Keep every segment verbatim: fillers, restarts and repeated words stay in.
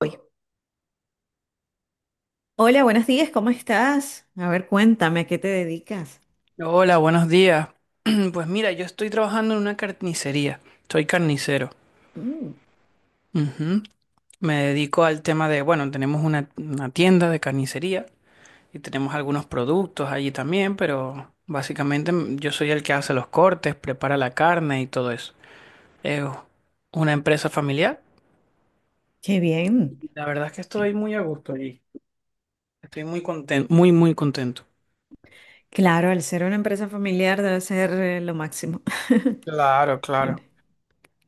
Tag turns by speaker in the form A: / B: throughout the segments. A: Hoy. Hola, buenos días, ¿cómo estás? A ver, cuéntame, ¿a qué te dedicas?
B: Hola, buenos días. Pues mira, yo estoy trabajando en una carnicería. Soy carnicero.
A: Mm,
B: Ujú. Me dedico al tema de, bueno, tenemos una, una tienda de carnicería y tenemos algunos productos allí también, pero básicamente m- yo soy el que hace los cortes, prepara la carne y todo eso. Es una empresa familiar.
A: qué bien.
B: La verdad es que estoy muy a gusto allí. Estoy muy contento, muy, muy contento.
A: Claro, al ser una empresa familiar debe ser eh, lo máximo.
B: Claro, claro,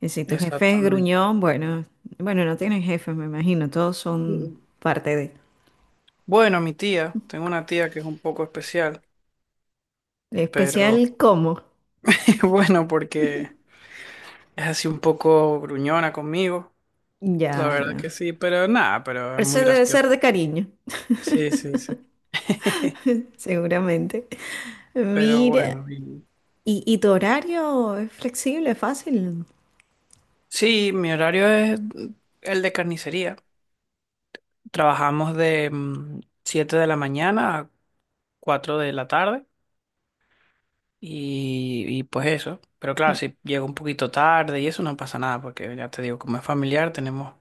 A: Y si tu jefe es
B: exactamente.
A: gruñón, bueno, bueno, no tienen jefe, me imagino, todos son
B: Mm,
A: parte de.
B: bueno, mi tía, tengo una tía que es un poco especial, pero
A: Especial cómo.
B: bueno, porque es así un poco gruñona conmigo, la
A: Ya,
B: verdad
A: ya.
B: que sí, pero nada, pero es
A: Eso
B: muy
A: debe
B: gracioso.
A: ser de cariño,
B: Sí, sí, sí.
A: seguramente.
B: Pero
A: Mira,
B: bueno, y-
A: ¿y, y tu horario es flexible, fácil?
B: sí, mi horario es el de carnicería. Trabajamos de mm, siete de la mañana a cuatro de la tarde, y, y pues eso. Pero claro, si llego un poquito tarde y eso no pasa nada porque ya te digo, como es familiar tenemos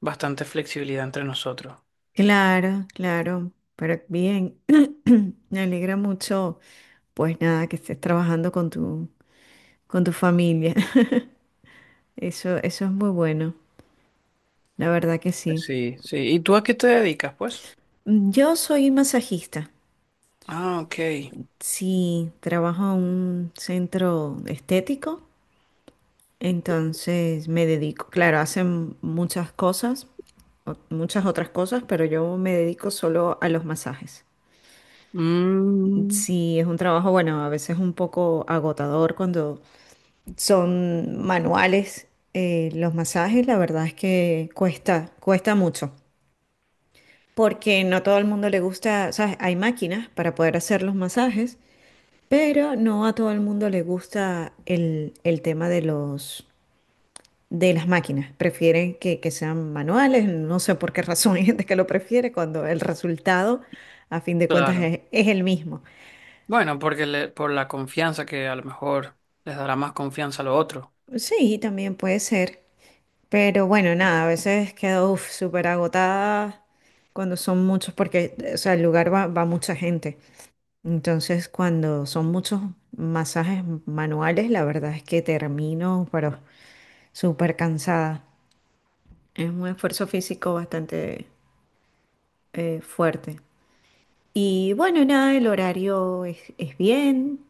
B: bastante flexibilidad entre nosotros.
A: Claro, claro, pero bien, me alegra mucho, pues nada, que estés trabajando con tu, con tu familia. Eso, eso es muy bueno, la verdad que sí.
B: Sí, sí. ¿Y tú a qué te dedicas, pues?
A: Mm, yo soy masajista,
B: Ah, ok.
A: sí, trabajo en un centro estético, entonces me dedico, claro, hacen muchas cosas, o- muchas otras cosas, pero yo me dedico solo a los masajes.
B: Mm,
A: Sí, es un trabajo, bueno, a veces un poco agotador cuando son manuales. Eh, los masajes, la verdad es que cuesta, cuesta mucho, porque no todo el mundo le gusta, ¿sabes? Hay máquinas para poder hacer los masajes, pero no a todo el mundo le gusta el, el tema de los, de las máquinas. Prefieren que, que sean manuales, no sé por qué razón hay gente que lo prefiere cuando el resultado, a fin de cuentas,
B: claro.
A: es, es el mismo.
B: Bueno, porque le- por la confianza que a lo mejor les dará más confianza a lo otro.
A: Sí, también puede ser. Pero bueno, nada, a veces quedo uf, súper agotada cuando son muchos, porque o sea, el lugar va, va mucha gente. Entonces, cuando son muchos masajes manuales, la verdad es que termino, pero súper cansada. Es un esfuerzo físico bastante eh, fuerte. Y bueno, nada, el horario es, es bien.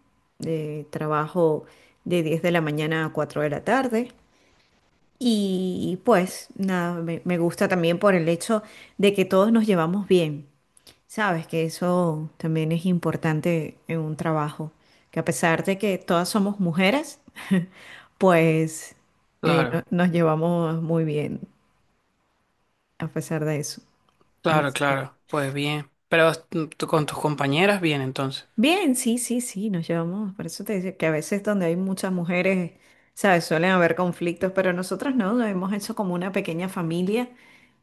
A: Eh, trabajo de diez de la mañana a cuatro de la tarde. Y pues nada, me, me gusta también por el hecho de que todos nos llevamos bien. Sabes que eso también es importante en un trabajo, que a pesar de que todas somos mujeres, pues eh, no-
B: Claro,
A: nos llevamos muy bien a pesar de eso.
B: claro,
A: Sí.
B: claro. Pues bien. Pero tú con tus compañeras, bien, entonces.
A: Bien, sí, sí, sí, nos llevamos. Por eso te decía que a veces donde hay muchas mujeres, sabes, suelen haber conflictos, pero nosotros no, nos hemos hecho como una pequeña familia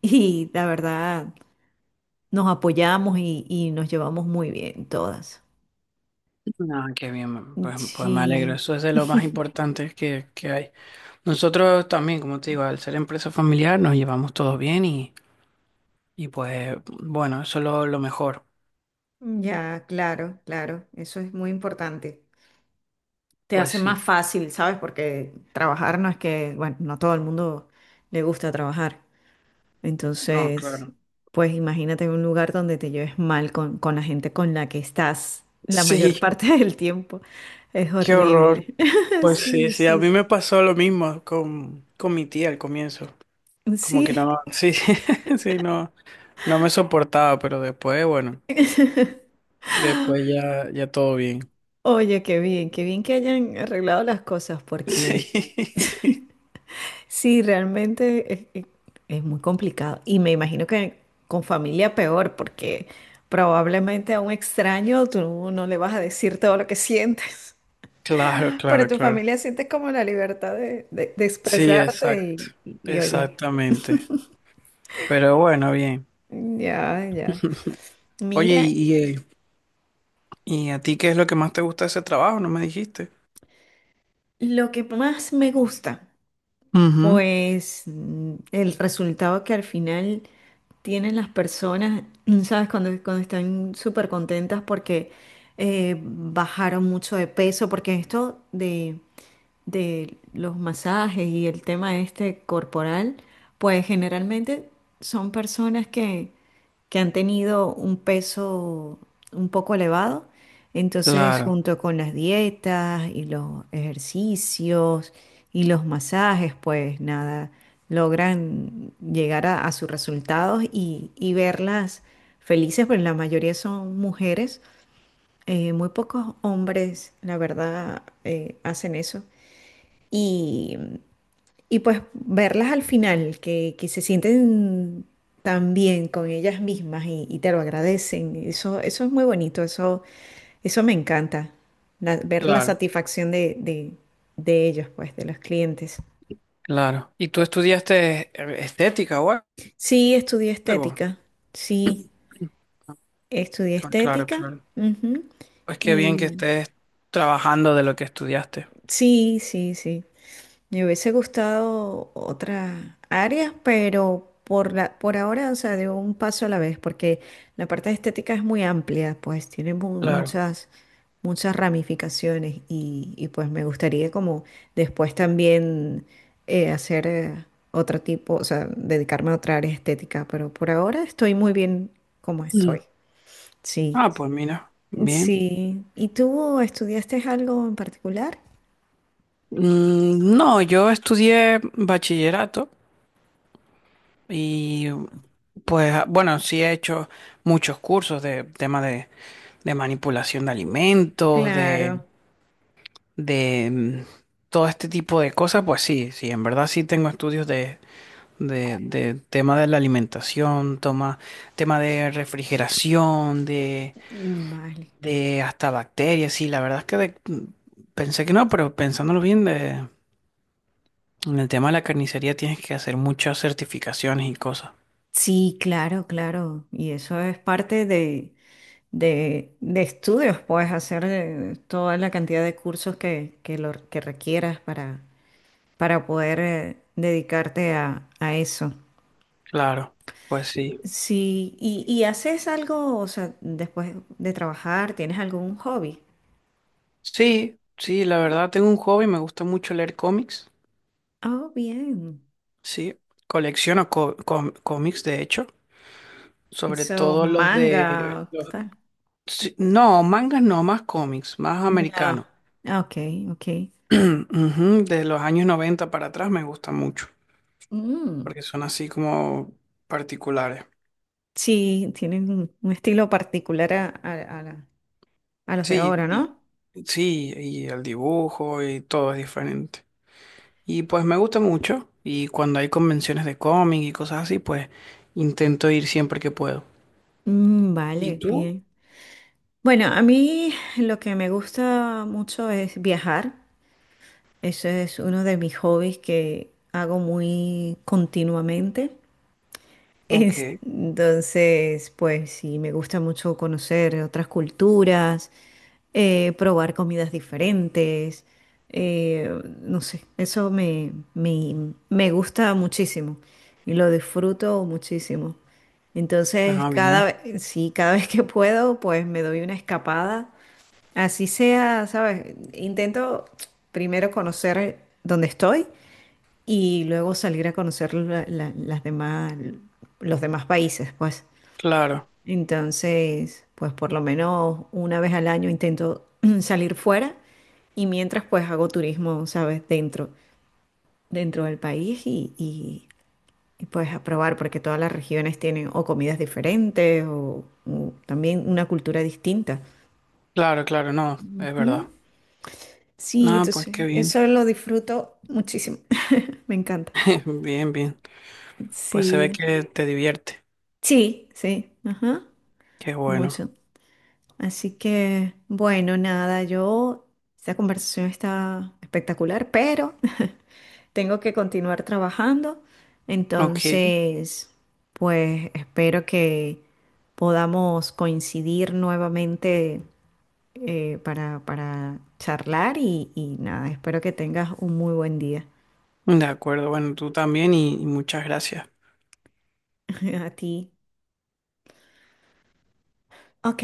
A: y la verdad. Nos apoyamos y, y nos llevamos muy bien todas.
B: Ah, qué bien, pues, pues me alegro.
A: Sí,
B: Eso es de lo más importante que, que hay. Nosotros también, como te digo, al ser empresa familiar nos llevamos todos bien y, y pues bueno, eso es lo, lo mejor.
A: ya, claro, claro, eso es muy importante. Te
B: Pues
A: hace
B: sí.
A: más fácil, ¿sabes? Porque trabajar no es que, bueno, no a todo el mundo le gusta trabajar.
B: No,
A: Entonces,
B: claro.
A: pues imagínate un lugar donde te lleves mal con, con la gente con la que estás la mayor
B: Sí.
A: parte del tiempo. Es
B: Qué horror.
A: horrible.
B: Pues sí,
A: Sí,
B: sí, a
A: sí,
B: mí me pasó lo mismo con, con mi tía al comienzo. Como que
A: sí.
B: no, sí, sí, no, no me soportaba, pero después, bueno, después ya, ya todo bien.
A: Oye, qué bien, qué bien que hayan arreglado las cosas porque...
B: Sí,
A: Sí, realmente es, es- es muy complicado. Y me imagino que con familia peor, porque probablemente a un extraño tú no le vas a decir todo lo que sientes,
B: claro,
A: pero
B: claro,
A: tu
B: claro.
A: familia siente como la libertad de, de- de
B: Sí,
A: expresarte
B: exacto,
A: y, y- y oye,
B: exactamente. Pero bueno, bien.
A: ya, ya.
B: Oye,
A: Mira,
B: ¿y, y, eh, ¿y a ti qué es lo que más te gusta de ese trabajo? ¿No me dijiste?
A: lo que más me gusta,
B: Ujú.
A: pues mm, el resultado que al final tienen las personas, ¿sabes? Cuando, cuando están súper contentas porque eh, bajaron mucho de peso, porque esto de, de los masajes y el tema este corporal, pues generalmente son personas que, que han tenido un peso un poco elevado. Entonces,
B: Claro,
A: junto con las dietas y los ejercicios y los masajes, pues nada, logran llegar a, a sus resultados y, y verlas felices, pero la mayoría son mujeres. Eh, muy pocos hombres, la verdad, eh, hacen eso y, y pues verlas al final, que, que se sienten tan bien con ellas mismas y, y te lo agradecen, eso, eso es muy bonito, eso, eso me encanta, la- ver la
B: claro,
A: satisfacción de, de, de ellos, pues, de los clientes.
B: claro. ¿Y tú estudiaste eh, estética o
A: Sí, estudié
B: algo?
A: estética, sí, estudié
B: Ah, claro,
A: estética,
B: claro.
A: ujú.
B: Pues qué bien que
A: Y
B: estés trabajando de lo que estudiaste.
A: sí, sí, sí. Me hubiese gustado otras áreas, pero por la, por ahora, o sea, de un paso a la vez, porque la parte estética es muy amplia, pues tiene mu-
B: Claro.
A: muchas, muchas ramificaciones y, y, pues me gustaría como después también eh, hacer eh, otro tipo, o sea, dedicarme a otra área estética, pero por ahora estoy muy bien como estoy.
B: Mm.
A: Sí,
B: Ah, pues mira, bien.
A: sí. ¿Y tú estudiaste algo en particular?
B: Mm, no, yo estudié bachillerato y pues bueno, sí he hecho muchos cursos de tema de, de manipulación de alimentos, de,
A: Claro,
B: de mm, todo este tipo de cosas. Pues sí, sí, en verdad sí tengo estudios de, de, de tema de la alimentación, toma, tema de refrigeración,
A: vale.
B: de hasta bacterias, sí, la verdad es que de- pensé que no, pero pensándolo bien, de, en el tema de la carnicería tienes que hacer muchas certificaciones y cosas.
A: Sí, claro, claro. Y eso es parte de, de, de estudios, puedes hacer eh, toda la cantidad de cursos que, que, lo, que requieras para, para poder eh, dedicarte a, a eso.
B: Claro, pues sí.
A: Sí, y, y haces algo, o sea, después de trabajar, ¿tienes algún hobby?
B: Sí, sí, la verdad tengo un hobby, me gusta mucho leer cómics,
A: Oh, bien.
B: sí, colecciono co- com- cómics, de hecho, sobre
A: Eso,
B: todo los de...
A: manga,
B: los-
A: tal.
B: sí, no, mangas no, más cómics, más
A: Ya.
B: americanos.
A: Ah, ok, ok.
B: Ujú, de los años noventa para atrás me gustan mucho,
A: Mm,
B: porque son así como particulares.
A: sí, tienen un un estilo particular a, a- a la... A los de
B: Sí,
A: ahora,
B: y-
A: ¿no?
B: sí, y el dibujo y todo es diferente. Y pues me gusta mucho y cuando hay convenciones de cómic y cosas así, pues intento ir siempre que puedo.
A: Mm,
B: ¿Y
A: vale,
B: tú?
A: bien. Bueno, a mí lo que me gusta mucho es viajar. Ese es uno de mis hobbies que hago muy continuamente. Es-
B: Ok.
A: entonces, pues sí, me gusta mucho conocer otras culturas, eh, probar comidas diferentes, eh, no sé, eso me, me, me gusta muchísimo y lo disfruto muchísimo. Entonces,
B: Ah,
A: cada
B: bien.
A: vez, sí, cada vez que puedo, pues me doy una escapada. Así sea, ¿sabes? Intento primero conocer dónde estoy y luego salir a conocer la- la- las demás, los demás países, pues.
B: Claro,
A: Entonces, pues por lo menos una vez al año intento salir fuera y mientras pues hago turismo, ¿sabes? Dentro, dentro del país y, y, y, pues a probar porque todas las regiones tienen o comidas diferentes o, o también una cultura distinta.
B: claro, claro, no, es
A: Ujú.
B: verdad.
A: Sí,
B: No, pues qué
A: entonces
B: bien.
A: eso lo disfruto muchísimo. Me encanta.
B: Bien, bien. Pues se ve
A: Sí.
B: que te divierte.
A: Sí, sí. Ajá.
B: Qué bueno.
A: Mucho. Así que, bueno, nada, yo, esta conversación está espectacular, pero tengo que continuar trabajando.
B: Ok,
A: Entonces, pues espero que podamos coincidir nuevamente eh, para, para charlar y, y nada, espero que tengas un muy buen día.
B: de acuerdo. Bueno, tú también y y muchas gracias.
A: A ti. Ok,